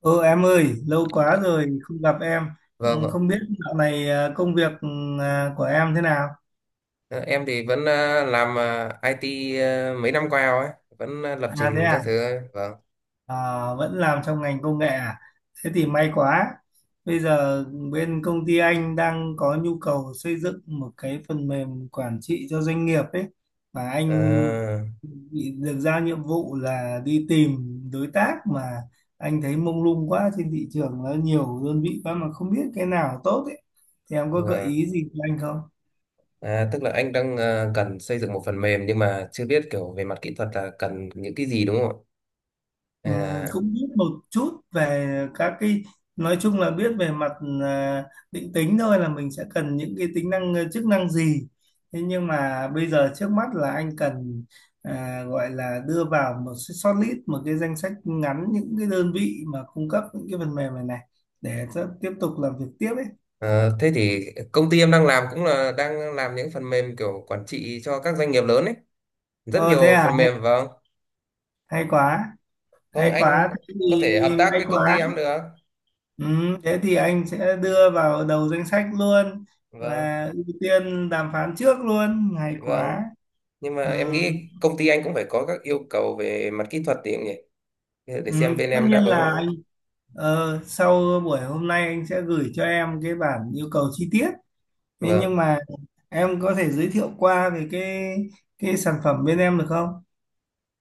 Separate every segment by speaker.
Speaker 1: Ừ, em ơi, lâu quá
Speaker 2: Ờ,
Speaker 1: rồi không gặp em.
Speaker 2: vâng, vâng.
Speaker 1: Không biết dạo này công việc của em thế nào?
Speaker 2: Ờ, em thì vẫn làm IT, mấy năm qua rồi ấy, vẫn lập
Speaker 1: À, thế
Speaker 2: trình các
Speaker 1: à?
Speaker 2: thứ ấy. Vâng.
Speaker 1: À, vẫn làm trong ngành công nghệ à? Thế thì may quá. Bây giờ bên công ty anh đang có nhu cầu xây dựng một cái phần mềm quản trị cho doanh nghiệp ấy. Và anh
Speaker 2: Ờ,
Speaker 1: bị được giao nhiệm vụ là đi tìm đối tác, mà anh thấy mông lung quá, trên thị trường nó nhiều đơn vị quá mà không biết cái nào tốt ấy. Thì em có gợi
Speaker 2: vâng.
Speaker 1: ý gì cho anh không?
Speaker 2: Tức là anh đang cần xây dựng một phần mềm, nhưng mà chưa biết kiểu về mặt kỹ thuật là cần những cái gì đúng không ạ?
Speaker 1: Cũng biết một chút về các cái, nói chung là biết về mặt à, định tính thôi, là mình sẽ cần những cái tính năng, chức năng gì. Thế nhưng mà bây giờ trước mắt là anh cần, gọi là đưa vào một cái shortlist, một cái danh sách ngắn những cái đơn vị mà cung cấp những cái phần mềm này này, để cho tiếp tục làm việc tiếp ấy.
Speaker 2: Thế thì công ty em đang làm cũng là đang làm những phần mềm kiểu quản trị cho các doanh nghiệp lớn ấy, rất
Speaker 1: Ờ Thế
Speaker 2: nhiều
Speaker 1: à?
Speaker 2: phần
Speaker 1: Hay,
Speaker 2: mềm. Vâng,
Speaker 1: hay quá,
Speaker 2: không
Speaker 1: hay
Speaker 2: anh,
Speaker 1: quá, thế
Speaker 2: có thể hợp
Speaker 1: thì
Speaker 2: tác
Speaker 1: may
Speaker 2: với công ty
Speaker 1: quá.
Speaker 2: em được.
Speaker 1: Ừ, thế thì anh sẽ đưa vào đầu danh sách luôn
Speaker 2: Vâng,
Speaker 1: và ưu tiên đàm phán trước luôn, hay
Speaker 2: vâng,
Speaker 1: quá.
Speaker 2: nhưng mà
Speaker 1: Ừ,
Speaker 2: em nghĩ công ty anh cũng phải có các yêu cầu về mặt kỹ thuật thì cũng nhỉ, để
Speaker 1: ừ,
Speaker 2: xem bên
Speaker 1: tất
Speaker 2: em đáp
Speaker 1: nhiên
Speaker 2: ứng.
Speaker 1: là anh, sau buổi hôm nay anh sẽ gửi cho em cái bản yêu cầu chi tiết. Thế nhưng
Speaker 2: Vâng.
Speaker 1: mà em có thể giới thiệu qua về cái sản phẩm bên em được không?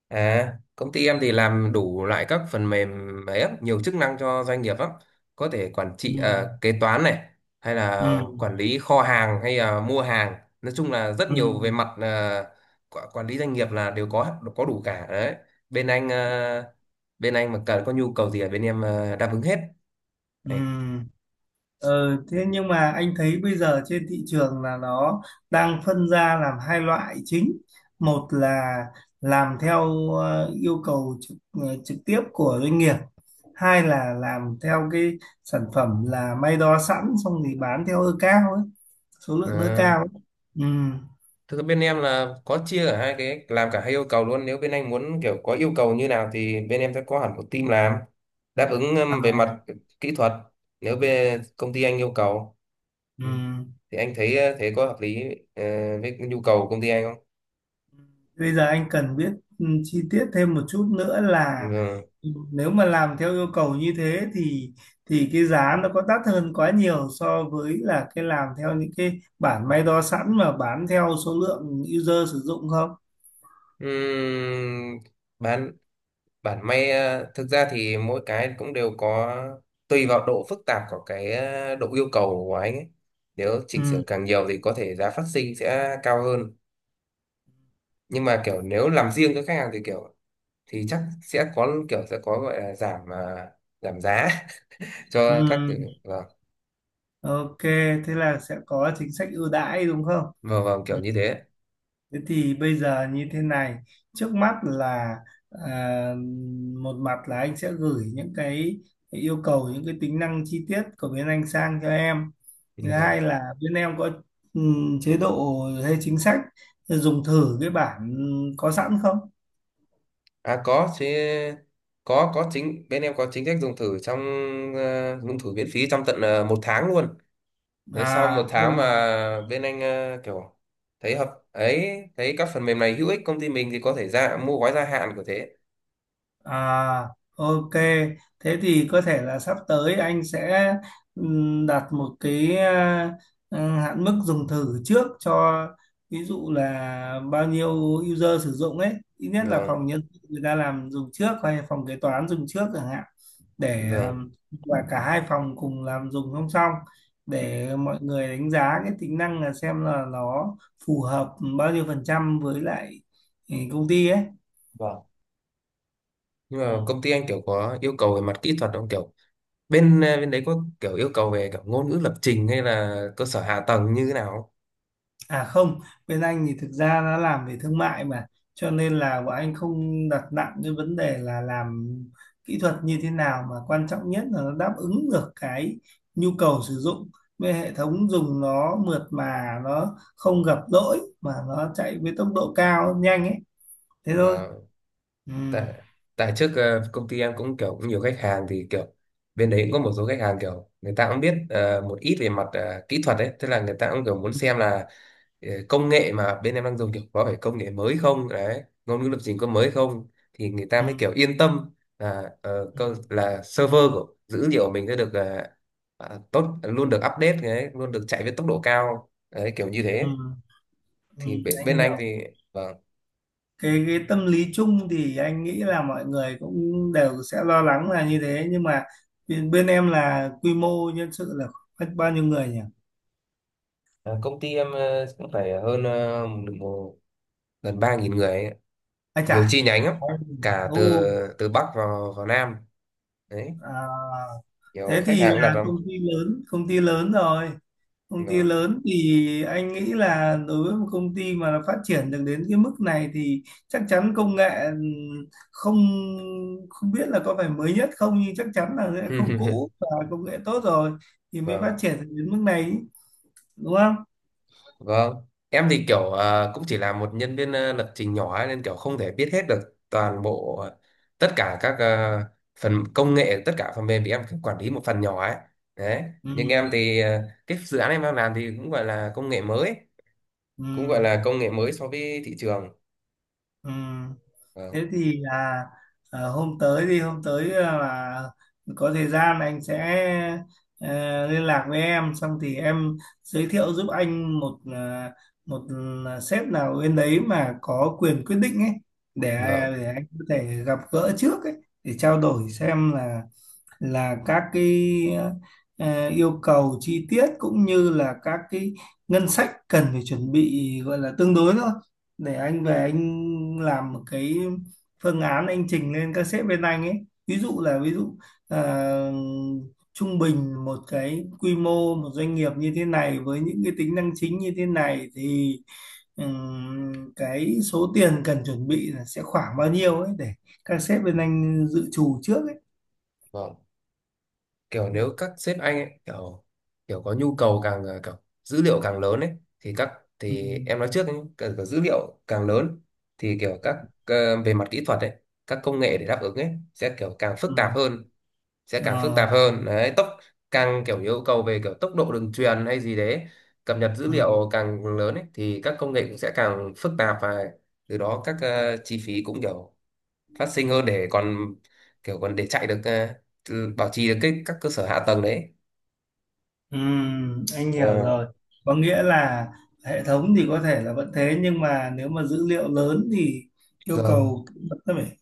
Speaker 2: À, công ty em thì làm đủ loại các phần mềm ấy á, nhiều chức năng cho doanh nghiệp lắm. Có thể quản
Speaker 1: Ừ,
Speaker 2: trị, à, kế toán này, hay
Speaker 1: ừ,
Speaker 2: là quản lý kho hàng hay là mua hàng, nói chung là rất
Speaker 1: ừ,
Speaker 2: nhiều về mặt, quản lý doanh nghiệp là đều có đủ cả đấy. Bên anh à, bên anh mà cần có nhu cầu gì ở bên em, à, đáp ứng hết.
Speaker 1: ừ.
Speaker 2: Đấy.
Speaker 1: Ờ, thế nhưng mà anh thấy bây giờ trên thị trường là nó đang phân ra làm hai loại chính. Một là làm theo yêu cầu trực tiếp của doanh nghiệp, hai là làm theo cái sản phẩm là may đo sẵn xong thì bán theo cao ấy, số lượng
Speaker 2: Ờ.
Speaker 1: cao ấy. Ừ.
Speaker 2: Thực ra bên em là có chia cả hai cái, làm cả hai yêu cầu luôn, nếu bên anh muốn kiểu có yêu cầu như nào thì bên em sẽ có hẳn một team làm đáp ứng,
Speaker 1: À,
Speaker 2: về mặt kỹ thuật, nếu bên công ty anh yêu cầu.
Speaker 1: ừ.
Speaker 2: Ừ. Thì anh thấy, thế có hợp lý, ờ, với cái nhu cầu của công ty anh không?
Speaker 1: Bây giờ anh cần biết chi tiết thêm một chút nữa là,
Speaker 2: Ừ.
Speaker 1: nếu mà làm theo yêu cầu như thế thì cái giá nó có đắt hơn quá nhiều so với là cái làm theo những cái bản may đo sẵn mà bán theo số lượng user sử dụng không?
Speaker 2: Ừm, bản bản may, thực ra thì mỗi cái cũng đều có, tùy vào độ phức tạp của cái, độ yêu cầu của anh ấy. Nếu chỉnh sửa
Speaker 1: Ừ,
Speaker 2: càng nhiều thì có thể giá phát sinh sẽ cao hơn, nhưng mà kiểu nếu làm riêng cho khách hàng thì kiểu thì chắc sẽ có kiểu sẽ có gọi là giảm, giảm giá
Speaker 1: ừ,
Speaker 2: cho các cái-. Vâng,
Speaker 1: ok, thế là sẽ có chính sách ưu đãi đúng không?
Speaker 2: vâng, vâng,
Speaker 1: Ừ.
Speaker 2: kiểu như thế.
Speaker 1: Thế thì bây giờ như thế này, trước mắt là, à, một mặt là anh sẽ gửi những cái yêu cầu, những cái tính năng chi tiết của bên anh sang cho em.
Speaker 2: Ừ,
Speaker 1: Thứ
Speaker 2: vâng.
Speaker 1: hai, Dạ, là bên em có chế độ hay chính sách dùng thử cái bản có sẵn không?
Speaker 2: À, có chứ, có chính bên em có chính sách dùng thử trong, dùng thử miễn phí trong tận một tháng luôn. Nếu sau một
Speaker 1: À,
Speaker 2: tháng
Speaker 1: không.
Speaker 2: mà bên anh, kiểu thấy hợp ấy, thấy các phần mềm này hữu ích công ty mình thì có thể ra mua gói gia hạn của thế.
Speaker 1: À, ok. Thế thì có thể là sắp tới anh sẽ đặt một cái hạn mức dùng thử trước cho, ví dụ là bao nhiêu user sử dụng ấy, ít nhất là
Speaker 2: Vâng,
Speaker 1: phòng nhân sự người ta làm dùng trước hay phòng kế toán dùng trước chẳng hạn, để
Speaker 2: vâng,
Speaker 1: và cả hai phòng cùng làm dùng song song, để mọi người đánh giá cái tính năng, là xem là nó phù hợp bao nhiêu phần trăm với lại công ty ấy.
Speaker 2: vâng, nhưng
Speaker 1: Ừ.
Speaker 2: mà công ty anh kiểu có yêu cầu về mặt kỹ thuật không kiểu, bên đấy có kiểu yêu cầu về kiểu ngôn ngữ lập trình hay là cơ sở hạ tầng như thế nào không?
Speaker 1: À không, bên anh thì thực ra đã làm về thương mại mà, cho nên là bọn anh không đặt nặng cái vấn đề là làm kỹ thuật như thế nào, mà quan trọng nhất là nó đáp ứng được cái nhu cầu sử dụng, với hệ thống dùng nó mượt, mà nó không gặp lỗi, mà nó chạy với tốc độ cao nhanh ấy, thế thôi.
Speaker 2: Ờ,
Speaker 1: Ừ.
Speaker 2: tại tại trước, công ty em cũng kiểu cũng nhiều khách hàng thì kiểu bên đấy cũng có một số khách hàng kiểu người ta cũng biết một ít về mặt, kỹ thuật đấy, tức là người ta cũng kiểu muốn
Speaker 1: Ừ.
Speaker 2: xem là, công nghệ mà bên em đang dùng kiểu có phải công nghệ mới không đấy, ngôn ngữ lập trình có mới không, thì người ta
Speaker 1: Ừ.
Speaker 2: mới kiểu yên tâm là, là server của dữ liệu của mình sẽ được, tốt luôn, được update đấy, luôn được chạy với tốc độ cao đấy, kiểu như
Speaker 1: Ừ.
Speaker 2: thế.
Speaker 1: Ừ.
Speaker 2: Thì bên,
Speaker 1: Anh
Speaker 2: bên anh
Speaker 1: hiểu.
Speaker 2: thì, vâng.
Speaker 1: Cái tâm lý chung thì anh nghĩ là mọi người cũng đều sẽ lo lắng là như thế, nhưng mà bên em là quy mô nhân sự là khoảng bao nhiêu người nhỉ?
Speaker 2: Ờ, Công ty em, cũng phải hơn, gần 3.000 người ấy.
Speaker 1: Ai
Speaker 2: Nhiều chi
Speaker 1: chả?
Speaker 2: nhánh lắm, cả
Speaker 1: Ồ,
Speaker 2: từ, Bắc vào, Nam đấy,
Speaker 1: à,
Speaker 2: nhiều
Speaker 1: thế
Speaker 2: khách
Speaker 1: thì
Speaker 2: hàng cũng đặt
Speaker 1: là
Speaker 2: lắm.
Speaker 1: công ty lớn rồi. Công ty
Speaker 2: Vâng.
Speaker 1: lớn thì anh nghĩ là đối với một công ty mà nó phát triển được đến cái mức này thì chắc chắn công nghệ, ừ, không không biết là có phải mới nhất không, nhưng chắc chắn là sẽ không cũ và công nghệ tốt rồi thì mới
Speaker 2: Vâng.
Speaker 1: phát triển được đến mức này, đúng không?
Speaker 2: Vâng, em thì kiểu, cũng chỉ là một nhân viên, lập trình nhỏ ấy, nên kiểu không thể biết hết được toàn bộ, tất cả các, phần công nghệ, tất cả phần mềm, thì em cũng quản lý một phần nhỏ ấy. Đấy,
Speaker 1: Ừ.
Speaker 2: nhưng em thì, cái dự án em đang làm thì cũng gọi là công nghệ mới,
Speaker 1: Ừ.
Speaker 2: cũng gọi là công nghệ mới so với thị trường.
Speaker 1: Ừ.
Speaker 2: Vâng,
Speaker 1: Thế thì là hôm tới, thì hôm tới là có thời gian anh sẽ ờ, liên lạc với em, xong thì em giới thiệu giúp anh một sếp nào bên đấy mà có quyền quyết định ấy, để
Speaker 2: vâng,
Speaker 1: để anh có thể gặp gỡ trước ấy, để trao đổi xem là các cái yêu cầu chi tiết, cũng như là các cái ngân sách cần phải chuẩn bị, gọi là tương đối thôi, để anh về anh làm một cái phương án anh trình lên các sếp bên anh ấy. Ví dụ là ờ, trung bình một cái quy mô một doanh nghiệp như thế này với những cái tính năng chính như thế này thì cái số tiền cần chuẩn bị là sẽ khoảng bao nhiêu ấy, để các sếp bên anh dự trù trước
Speaker 2: vâng. Kiểu
Speaker 1: ấy.
Speaker 2: nếu các sếp anh ấy, kiểu kiểu có nhu cầu càng, kiểu dữ liệu càng lớn ấy, thì các,
Speaker 1: Ừ,
Speaker 2: thì em nói trước ấy, kiểu, kiểu dữ liệu càng lớn, thì kiểu các, về mặt kỹ thuật ấy, các công nghệ để đáp ứng ấy sẽ kiểu càng phức
Speaker 1: ừ,
Speaker 2: tạp hơn, sẽ càng phức
Speaker 1: ờ,
Speaker 2: tạp hơn đấy, càng kiểu yêu cầu về kiểu tốc độ đường truyền hay gì đấy, cập nhật dữ
Speaker 1: ừ,
Speaker 2: liệu càng lớn ấy thì các công nghệ cũng sẽ càng phức tạp, và từ đó các, chi phí cũng kiểu phát sinh hơn, để còn kiểu còn để chạy được, bảo trì được cái các cơ sở hạ tầng đấy.
Speaker 1: ừ, anh hiểu
Speaker 2: Ờ,
Speaker 1: rồi. Có nghĩa là hệ thống thì có thể là vẫn thế, nhưng mà nếu mà dữ liệu lớn thì yêu
Speaker 2: vâng,
Speaker 1: cầu vẫn phải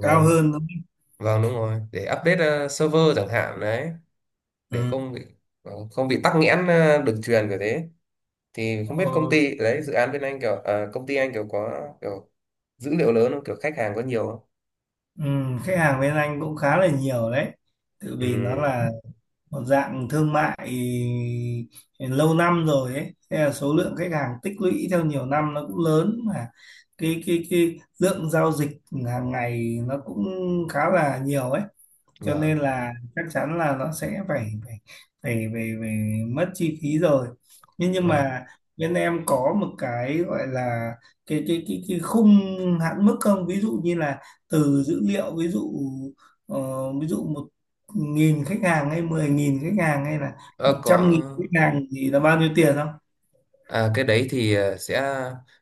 Speaker 1: cao hơn, đúng không?
Speaker 2: vâng đúng rồi, để update, server chẳng hạn đấy, để
Speaker 1: Ừ.
Speaker 2: không bị, không bị tắc nghẽn, đường truyền kiểu thế, thì
Speaker 1: Ờ,
Speaker 2: không biết công ty đấy dự án bên anh kiểu, công ty anh kiểu có kiểu dữ liệu lớn không, kiểu khách hàng có nhiều không.
Speaker 1: ừ, khách hàng bên anh cũng khá là nhiều đấy, tự
Speaker 2: Ừ,
Speaker 1: vì nó là một dạng thương mại lâu năm rồi ấy, thế là số lượng khách hàng tích lũy theo nhiều năm nó cũng lớn, mà cái lượng giao dịch hàng ngày nó cũng khá là nhiều ấy, cho nên
Speaker 2: vâng,
Speaker 1: là chắc chắn là nó sẽ phải phải phải, phải, phải mất chi phí rồi. Nhưng
Speaker 2: vâng.
Speaker 1: mà bên em có một cái gọi là cái khung hạn mức không, ví dụ như là từ dữ liệu, ví dụ ờ, ví dụ 1.000 khách hàng hay 10.000 khách hàng hay là một
Speaker 2: Ờ,
Speaker 1: trăm
Speaker 2: có.
Speaker 1: nghìn khách hàng thì là bao nhiêu tiền không?
Speaker 2: À, cái đấy thì, sẽ,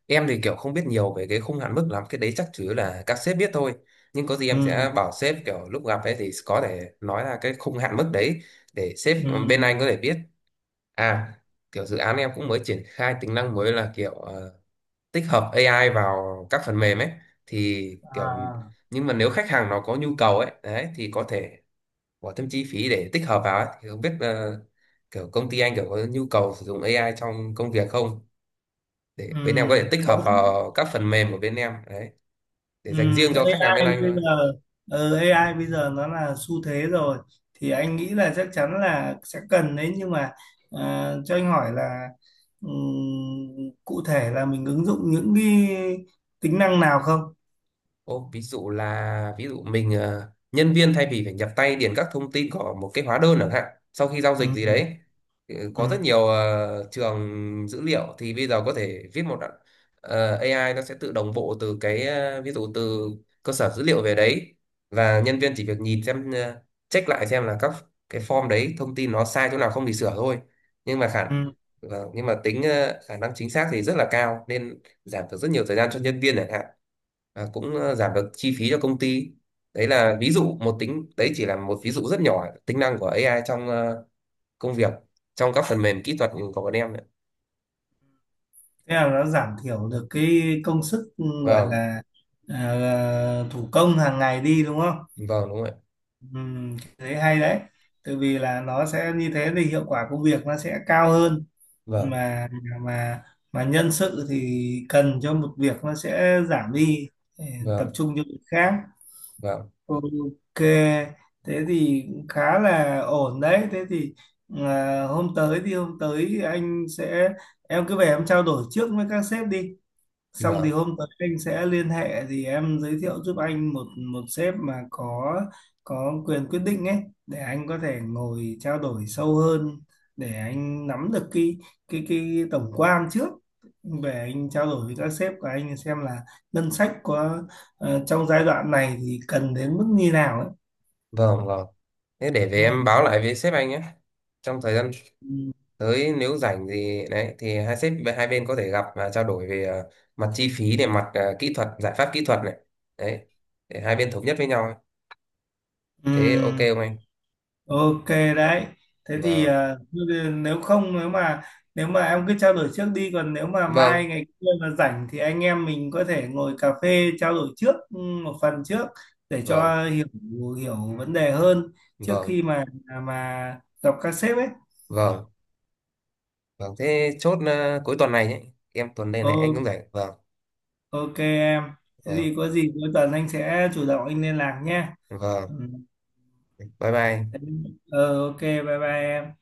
Speaker 2: em thì kiểu không biết nhiều về cái khung hạn mức lắm, cái đấy chắc chủ yếu là các sếp biết thôi, nhưng có gì em
Speaker 1: Ừ,
Speaker 2: sẽ bảo sếp kiểu lúc gặp ấy thì có thể nói là cái khung hạn mức đấy, để sếp,
Speaker 1: ừ,
Speaker 2: bên anh có thể biết. À, kiểu dự án em cũng mới triển khai tính năng mới là kiểu, tích hợp AI vào các phần mềm ấy, thì kiểu,
Speaker 1: à,
Speaker 2: nhưng mà nếu khách hàng nó có nhu cầu ấy đấy thì có thể bỏ thêm chi phí để tích hợp vào ấy, thì không biết, kiểu công ty anh kiểu có nhu cầu sử dụng AI trong công việc không, để
Speaker 1: ừ,
Speaker 2: bên em có thể tích
Speaker 1: có.
Speaker 2: hợp vào các phần mềm của bên em đấy, để
Speaker 1: Ừ,
Speaker 2: dành riêng cho khách hàng bên
Speaker 1: AI
Speaker 2: anh
Speaker 1: bây
Speaker 2: thôi.
Speaker 1: giờ, AI bây giờ nó là xu thế rồi, thì anh nghĩ là chắc chắn là sẽ cần đấy, nhưng mà cho anh hỏi là, cụ thể là mình ứng dụng những cái tính năng nào không?
Speaker 2: Ô, ví dụ mình, nhân viên thay vì phải nhập tay điền các thông tin của một cái hóa đơn chẳng hạn sau khi giao
Speaker 1: Ừ,
Speaker 2: dịch gì
Speaker 1: ừ,
Speaker 2: đấy, ừ,
Speaker 1: ừ.
Speaker 2: có rất nhiều, trường dữ liệu, thì bây giờ có thể viết một đoạn-, AI nó sẽ tự đồng bộ từ cái, ví dụ từ cơ sở dữ liệu về đấy, và nhân viên chỉ việc nhìn xem, check lại xem là các cái form đấy thông tin nó sai chỗ nào không thì sửa thôi, nhưng mà khả,
Speaker 1: Ừ.
Speaker 2: vâng, nhưng mà tính, khả năng chính xác thì rất là cao nên giảm được rất nhiều thời gian cho nhân viên chẳng hạn, cũng, giảm được chi phí cho công ty. Đấy là ví dụ một tính đấy, chỉ là một ví dụ rất nhỏ, tính năng của AI trong, công việc, trong các phần mềm kỹ thuật của bọn em đấy.
Speaker 1: Thế là nó giảm thiểu được cái công sức, gọi
Speaker 2: Vâng,
Speaker 1: là thủ công hàng ngày đi, đúng không?
Speaker 2: vâng đúng rồi.
Speaker 1: Ừ, thế hay đấy. Tại vì là nó sẽ như thế thì hiệu quả công việc nó sẽ cao hơn,
Speaker 2: Vâng,
Speaker 1: mà mà mà nhân sự thì cần cho một việc nó sẽ giảm đi, để tập
Speaker 2: vâng,
Speaker 1: trung cho việc khác.
Speaker 2: vâng,
Speaker 1: Ok, thế thì khá là ổn đấy, thế thì hôm tới, thì hôm tới anh sẽ, em cứ về em trao đổi trước với các sếp đi, xong thì
Speaker 2: vâng,
Speaker 1: hôm tới anh sẽ liên hệ, thì em giới thiệu giúp anh một một sếp mà có quyền quyết định ấy, để anh có thể ngồi trao đổi sâu hơn, để anh nắm được cái tổng quan trước, về anh trao đổi với các sếp của anh xem là ngân sách có, trong giai đoạn này thì cần đến mức như nào ấy.
Speaker 2: vâng, vâng, thế để về em báo lại với sếp anh nhé, trong thời gian
Speaker 1: Ừ.
Speaker 2: tới nếu rảnh gì đấy thì hai sếp hai bên có thể gặp và trao đổi về, mặt chi phí, để mặt, kỹ thuật, giải pháp kỹ thuật này đấy, để hai bên thống nhất với nhau,
Speaker 1: Ừ.
Speaker 2: thế ok không anh.
Speaker 1: Ok đấy. Thế thì,
Speaker 2: Vâng,
Speaker 1: nếu không, nếu mà em cứ trao đổi trước đi, còn nếu mà mai
Speaker 2: vâng,
Speaker 1: ngày kia mà rảnh thì anh em mình có thể ngồi cà phê trao đổi trước một phần trước, để
Speaker 2: vâng,
Speaker 1: cho hiểu hiểu vấn đề hơn, trước
Speaker 2: vâng,
Speaker 1: khi mà gặp các sếp ấy.
Speaker 2: vâng, vâng, thế chốt, cuối tuần này nhé, em tuần đây này anh cũng
Speaker 1: Ô,
Speaker 2: rảnh. Vâng,
Speaker 1: ok em. Thế
Speaker 2: vâng,
Speaker 1: thì có gì cuối tuần anh sẽ chủ động anh liên lạc nhé. Ừ.
Speaker 2: vâng, bye bye.
Speaker 1: Thế- Ờ, ok, bye bye em.